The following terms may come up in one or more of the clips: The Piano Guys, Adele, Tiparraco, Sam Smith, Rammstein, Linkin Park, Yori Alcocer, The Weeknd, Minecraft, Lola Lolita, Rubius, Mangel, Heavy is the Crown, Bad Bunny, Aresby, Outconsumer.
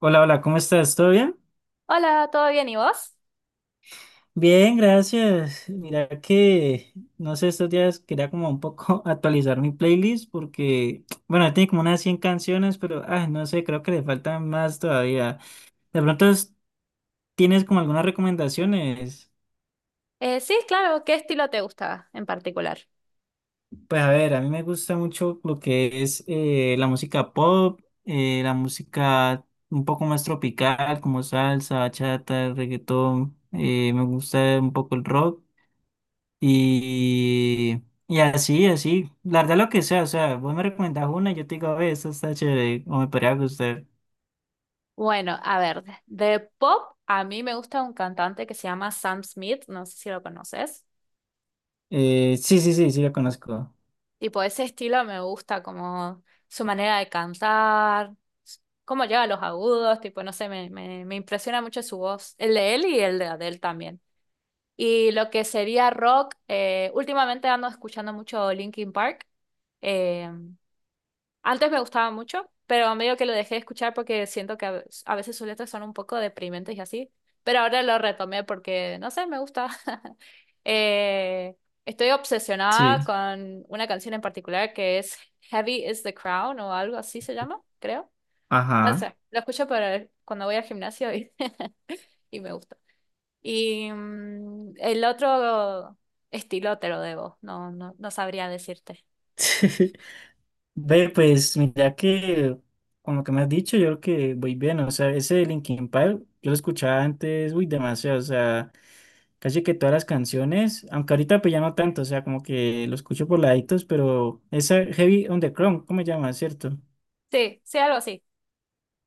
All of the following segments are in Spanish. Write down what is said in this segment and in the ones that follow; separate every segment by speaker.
Speaker 1: Hola, hola, ¿cómo estás? ¿Todo bien?
Speaker 2: Hola, ¿todo bien? ¿Y vos?
Speaker 1: Bien, gracias. Mira que, no sé, estos días quería como un poco actualizar mi playlist porque, bueno, tiene como unas 100 canciones, pero, no sé, creo que le faltan más todavía. De pronto, ¿tienes como algunas recomendaciones?
Speaker 2: Sí, claro, ¿qué estilo te gusta en particular?
Speaker 1: Pues a ver, a mí me gusta mucho lo que es la música pop, la música un poco más tropical, como salsa, bachata, reggaetón. Me gusta un poco el rock. Y así, así, la verdad lo que sea, o sea, vos me recomendás una y yo te digo, ve, esta está chévere, o me podría gustar.
Speaker 2: Bueno, a ver, de pop a mí me gusta un cantante que se llama Sam Smith, no sé si lo conoces.
Speaker 1: Sí, sí, sí, sí, la conozco.
Speaker 2: Tipo, ese estilo me gusta como su manera de cantar, s- cómo llega a los agudos, tipo, no sé, me impresiona mucho su voz, el de él y el de Adele también. Y lo que sería rock, últimamente ando escuchando mucho Linkin Park. eh, Antes me gustaba mucho, pero medio que lo dejé de escuchar porque siento que a veces sus letras son un poco deprimentes y así. Pero ahora lo retomé porque, no sé, me gusta. Eh, Estoy obsesionada
Speaker 1: Sí,
Speaker 2: con una canción en particular que es Heavy is the Crown o algo así se llama, creo. No
Speaker 1: ajá.
Speaker 2: sé, lo escucho para cuando voy al gimnasio y, y me gusta. Y el otro estilo te lo debo, no, no, no sabría decirte.
Speaker 1: Ve, pues mira que con lo que me has dicho, yo creo que voy bien, o sea, ese de Linkin Park, yo lo escuchaba antes, uy, demasiado, o sea, casi que todas las canciones, aunque ahorita pues ya no tanto, o sea, como que lo escucho por laditos, pero esa Heavy on the Chrome, ¿cómo se llama, cierto?
Speaker 2: Sí, sí, algo así.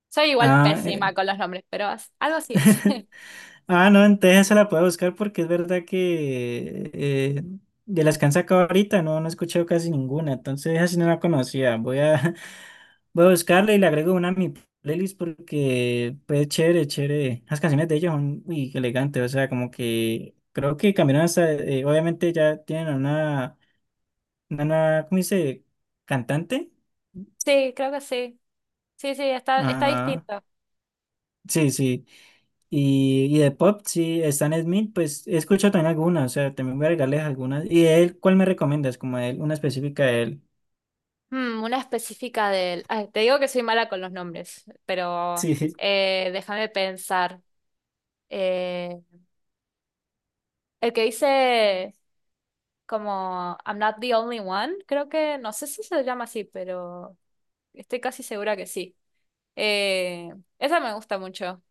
Speaker 2: Soy igual
Speaker 1: Ah, eh,
Speaker 2: pésima con los nombres, pero algo así es.
Speaker 1: Ah, no, entonces se la puedo buscar porque es verdad que de las que han sacado ahorita no, no he escuchado casi ninguna, entonces así no la conocía. Voy a, voy a buscarla y le agrego una a mi playlist porque pues chévere, chévere. Las canciones de ellos son muy elegantes, o sea, como que creo que cambiaron hasta, obviamente ya tienen una nueva, ¿cómo dice? Cantante.
Speaker 2: Sí, creo que sí. Sí, sí, está
Speaker 1: Ajá.
Speaker 2: distinto.
Speaker 1: Sí, sí. Y de pop, sí, Stan Smith, pues he escuchado también algunas, o sea, también voy a regalarles algunas. ¿Y de él, cuál me recomiendas? Como de él, una específica de él.
Speaker 2: Una específica del... Ay, te digo que soy mala con los nombres, pero
Speaker 1: Sí,
Speaker 2: déjame pensar. Eh, el que dice como I'm not the only one, creo que, no sé si se llama así, pero estoy casi segura que sí. Eh, Esa me gusta mucho,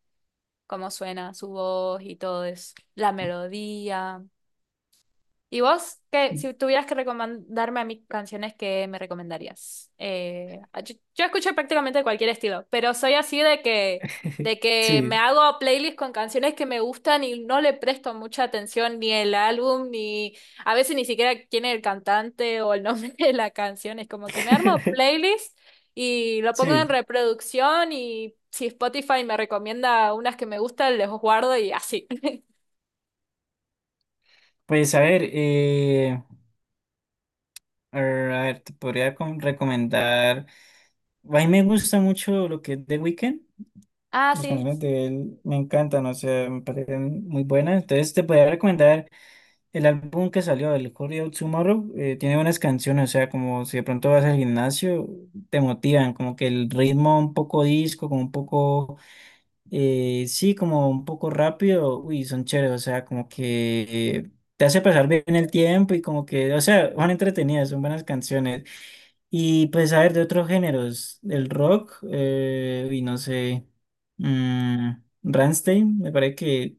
Speaker 2: cómo suena su voz y todo es la melodía. ¿Y vos, qué, si tuvieras que recomendarme a mí canciones, qué me recomendarías? Yo escucho prácticamente cualquier estilo, pero soy así de que me
Speaker 1: sí,
Speaker 2: hago playlists con canciones que me gustan y no le presto mucha atención ni el álbum, ni a veces ni siquiera quién es el cantante o el nombre de la canción. Es como que me armo playlist y lo pongo en
Speaker 1: sí.
Speaker 2: reproducción y si Spotify me recomienda unas que me gustan, les guardo y así.
Speaker 1: Pues a ver, te podría recomendar. A mí me gusta mucho lo que es The Weeknd.
Speaker 2: Ah,
Speaker 1: Las
Speaker 2: sí.
Speaker 1: canciones de él me encantan, o sea, me parecen muy buenas. Entonces te podría recomendar. El álbum que salió, el Hurry Up Tomorrow, tiene buenas canciones, o sea, como si de pronto vas al gimnasio, te motivan, como que el ritmo un poco disco, como un poco, sí, como un poco rápido, uy, son chéveres, o sea, como que eh, te hace pasar bien el tiempo y como que, o sea, son entretenidas, son buenas canciones. Y pues, a ver, de otros géneros, el rock, y no sé, mm, Rammstein, me parece que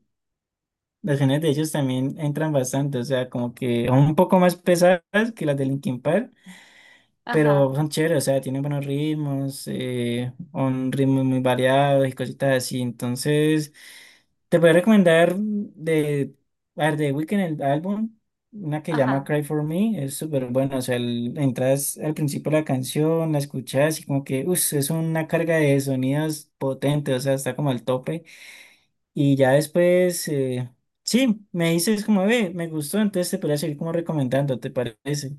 Speaker 1: las canciones de ellos también entran bastante, o sea, como que son un poco más pesadas que las de Linkin Park,
Speaker 2: Ajá,
Speaker 1: pero son chéveres, o sea, tienen buenos ritmos, un ritmo muy variado y cositas así. Entonces, te voy a recomendar de, a ver, de Weeknd el álbum, una que llama
Speaker 2: ajá.
Speaker 1: Cry For Me, es súper bueno, o sea, entras al principio de la canción, la escuchas y como que, uff, es una carga de sonidos potente, o sea, está como al tope. Y ya después, sí, me dices como, ve, me gustó, entonces te podría seguir como recomendando, ¿te parece?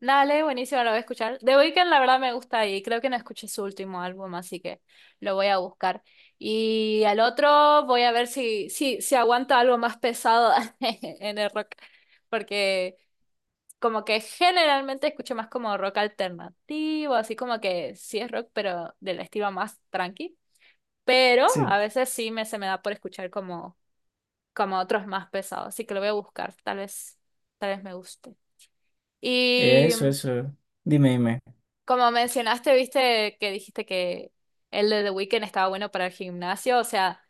Speaker 2: Dale, buenísimo, lo voy a escuchar. The Weeknd, la verdad, me gusta y creo que no escuché su último álbum, así que lo voy a buscar. Y al otro voy a ver si aguanta algo más pesado en el rock, porque como que generalmente escucho más como rock alternativo, así como que sí es rock, pero del estilo más tranqui. Pero a
Speaker 1: Sí.
Speaker 2: veces sí me, se me da por escuchar como, como otros más pesados, así que lo voy a buscar, tal vez me guste. Y
Speaker 1: Eso, eso. Dime, dime.
Speaker 2: como mencionaste, viste que dijiste que el de The Weeknd estaba bueno para el gimnasio, o sea,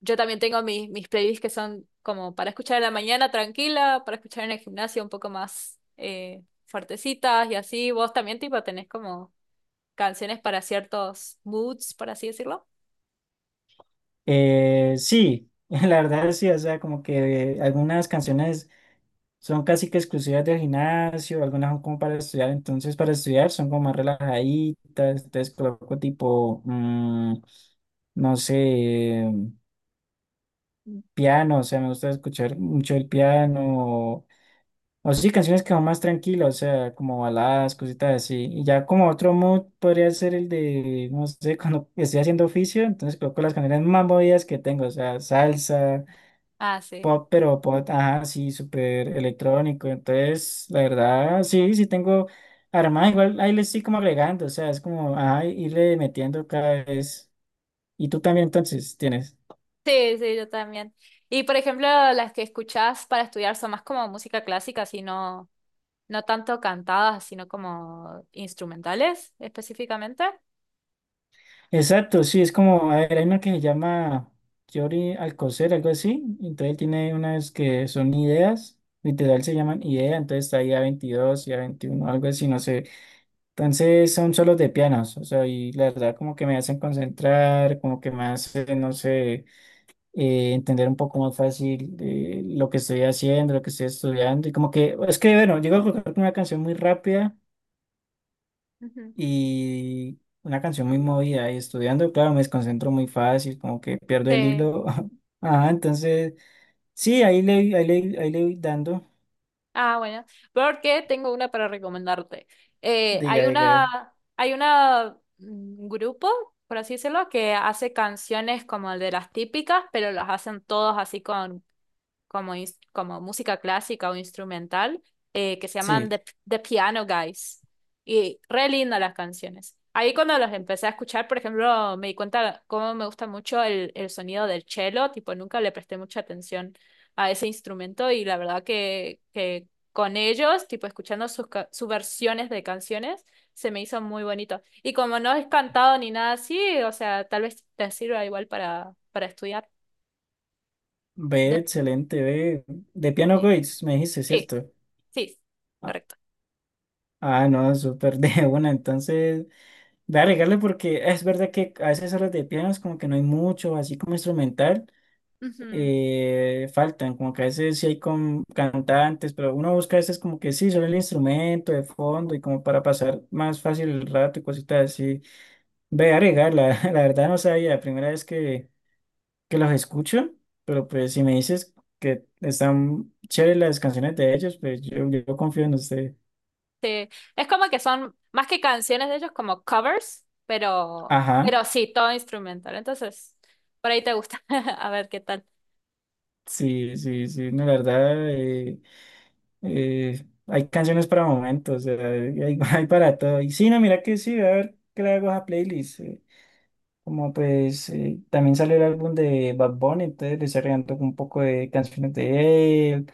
Speaker 2: yo también tengo mis playlists que son como para escuchar en la mañana tranquila, para escuchar en el gimnasio un poco más fuertecitas y así. ¿Vos también tipo tenés como canciones para ciertos moods, por así decirlo?
Speaker 1: Sí, la verdad sí, o sea, como que algunas canciones son casi que exclusivas del gimnasio, algunas son como para estudiar, entonces para estudiar son como más relajaditas, entonces coloco tipo, no sé, piano, o sea, me gusta escuchar mucho el piano. O sí, canciones que son más tranquilas, o sea, como baladas, cositas así. Y ya como otro mood podría ser el de, no sé, cuando estoy haciendo oficio, entonces coloco las canciones más movidas que tengo, o sea, salsa,
Speaker 2: Ah, sí.
Speaker 1: pop, pero pop, ajá, sí, súper electrónico. Entonces, la verdad, sí, sí tengo armada, igual ahí le estoy como agregando, o sea, es como, ajá, irle metiendo cada vez. Y tú también entonces tienes.
Speaker 2: Sí, sí, yo también. Y por ejemplo, las que escuchás para estudiar son más como música clásica, sino no no tanto cantadas, sino como instrumentales específicamente.
Speaker 1: Exacto, sí, es como, a ver, hay una que se llama Yori Alcocer, algo así. Entonces él tiene unas que son ideas, literal se llaman idea, entonces está ahí a 22 y a 21, algo así, no sé. Entonces son solos de pianos, o sea, y la verdad como que me hacen concentrar, como que me hacen, no sé, entender un poco más fácil lo que estoy haciendo, lo que estoy estudiando. Y como que, es que, bueno, llego a colocar una canción muy rápida
Speaker 2: Ujú.
Speaker 1: y una canción muy movida y estudiando, claro, me desconcentro muy fácil, como que pierdo el
Speaker 2: Sí.
Speaker 1: hilo. Ajá, entonces, sí, ahí le, ahí le, ahí le voy dando.
Speaker 2: Ah, bueno. Porque tengo una para recomendarte.
Speaker 1: Diga,
Speaker 2: Hay
Speaker 1: diga,
Speaker 2: una, hay una grupo, por así decirlo, que hace canciones como de las típicas, pero las hacen todos así con como música clásica o instrumental, que se llaman
Speaker 1: sí,
Speaker 2: The Piano Guys. Y re lindas las canciones. Ahí cuando los empecé a escuchar, por ejemplo, me di cuenta cómo me gusta mucho el sonido del cello, tipo nunca le presté mucha atención a ese instrumento y la verdad que con ellos, tipo escuchando sus versiones de canciones, se me hizo muy bonito. Y como no es cantado ni nada así, o sea, tal vez te sirva igual para estudiar.
Speaker 1: ve,
Speaker 2: De-
Speaker 1: excelente, ve. De Piano
Speaker 2: Sí.
Speaker 1: Goiz, me dijiste,
Speaker 2: Sí.
Speaker 1: ¿cierto?
Speaker 2: Sí,
Speaker 1: Ah,
Speaker 2: correcto.
Speaker 1: no, súper de una, entonces, voy a regarle porque es verdad que a veces horas de piano es como que no hay mucho, así como instrumental.
Speaker 2: Ujú.
Speaker 1: Faltan, como que a veces sí hay con cantantes, pero uno busca a veces como que sí, solo el instrumento de fondo y como para pasar más fácil el rato y cositas así. Ve a agregar, la, la verdad no sabía, la primera vez que los escucho, pero pues si me dices que están chéveres las canciones de ellos, pues yo confío en usted.
Speaker 2: Sí, es como que son más que canciones de ellos, como covers,
Speaker 1: Ajá,
Speaker 2: pero sí, todo instrumental. Entonces, por ahí te gusta. A ver qué tal.
Speaker 1: sí, sí, sí, no, la verdad, hay canciones para momentos, o sea, hay, hay para todo. Y sí, no, mira que sí, a ver qué le hago a esa playlist. Como pues también salió el álbum de Bad Bunny, entonces le estoy regando un poco de canciones de él,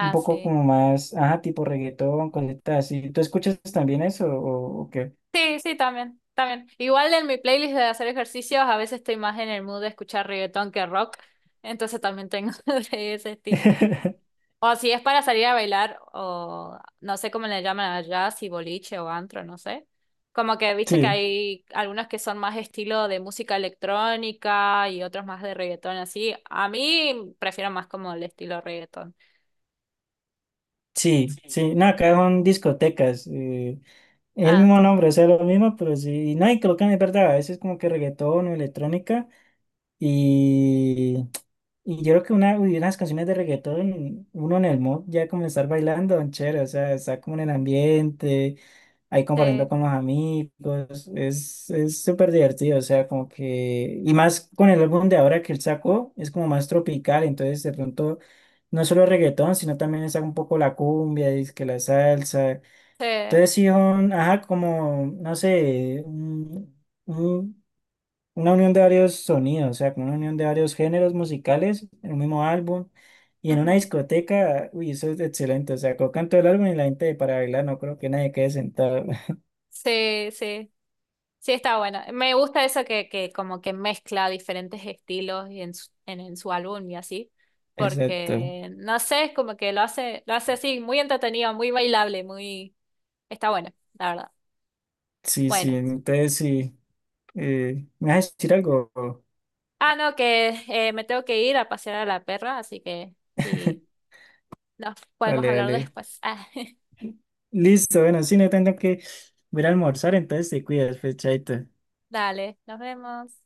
Speaker 1: un poco
Speaker 2: sí.
Speaker 1: como más, ajá, tipo reggaetón, cositas así. ¿Tú escuchas también eso o qué?
Speaker 2: Sí, sí, también, también. Igual en mi playlist de hacer ejercicios, a veces estoy más en el mood de escuchar reggaetón que rock. Entonces también tengo de ese estilo. O si es para salir a bailar, o no sé cómo le llaman allá, si boliche o antro, no sé. Como que viste que
Speaker 1: Sí,
Speaker 2: hay algunos que son más estilo de música electrónica y otros más de reggaetón, así. A mí prefiero más como el estilo reggaetón.
Speaker 1: sí, sí. No, acá son discotecas. Es el
Speaker 2: Ah,
Speaker 1: mismo nombre, o sea, lo mismo, pero sí. No, y creo que es verdad, a veces como que reggaetón o electrónica. Y, y yo creo que una, uy, unas canciones de reggaetón, uno en el mod ya como estar bailando, don chévere, o sea, está como en el ambiente. Ahí compartiendo
Speaker 2: sí,
Speaker 1: con los amigos, es súper divertido, o sea, como que, y más con el álbum de ahora que él sacó, es como más tropical, entonces de pronto no solo reggaetón, sino también saca un poco la cumbia, y que la salsa,
Speaker 2: sí.
Speaker 1: entonces sí, ajá, como, no sé, un- una unión de varios sonidos, o sea, como una unión de varios géneros musicales en un mismo álbum. Y en una
Speaker 2: Ujú.
Speaker 1: discoteca, uy, eso es excelente, o sea, colocan todo el álbum y la gente para bailar, no creo que nadie quede sentado.
Speaker 2: Sí, sí. Sí, está bueno. Me gusta eso que como que mezcla diferentes estilos y en su álbum y así.
Speaker 1: Exacto.
Speaker 2: Porque, no sé, es como que lo hace así, muy entretenido, muy bailable, muy... Está bueno, la verdad.
Speaker 1: Sí, sí,
Speaker 2: Bueno.
Speaker 1: entonces sí. ¿Me vas a decir algo?
Speaker 2: Ah, no, que me tengo que ir a pasear a la perra, así que sí, nos podemos
Speaker 1: Vale,
Speaker 2: hablar
Speaker 1: vale.
Speaker 2: después. Ah,
Speaker 1: Listo, bueno, sí, no tengo que ir a almorzar, entonces te cuidas, pues, chaito.
Speaker 2: dale, nos vemos.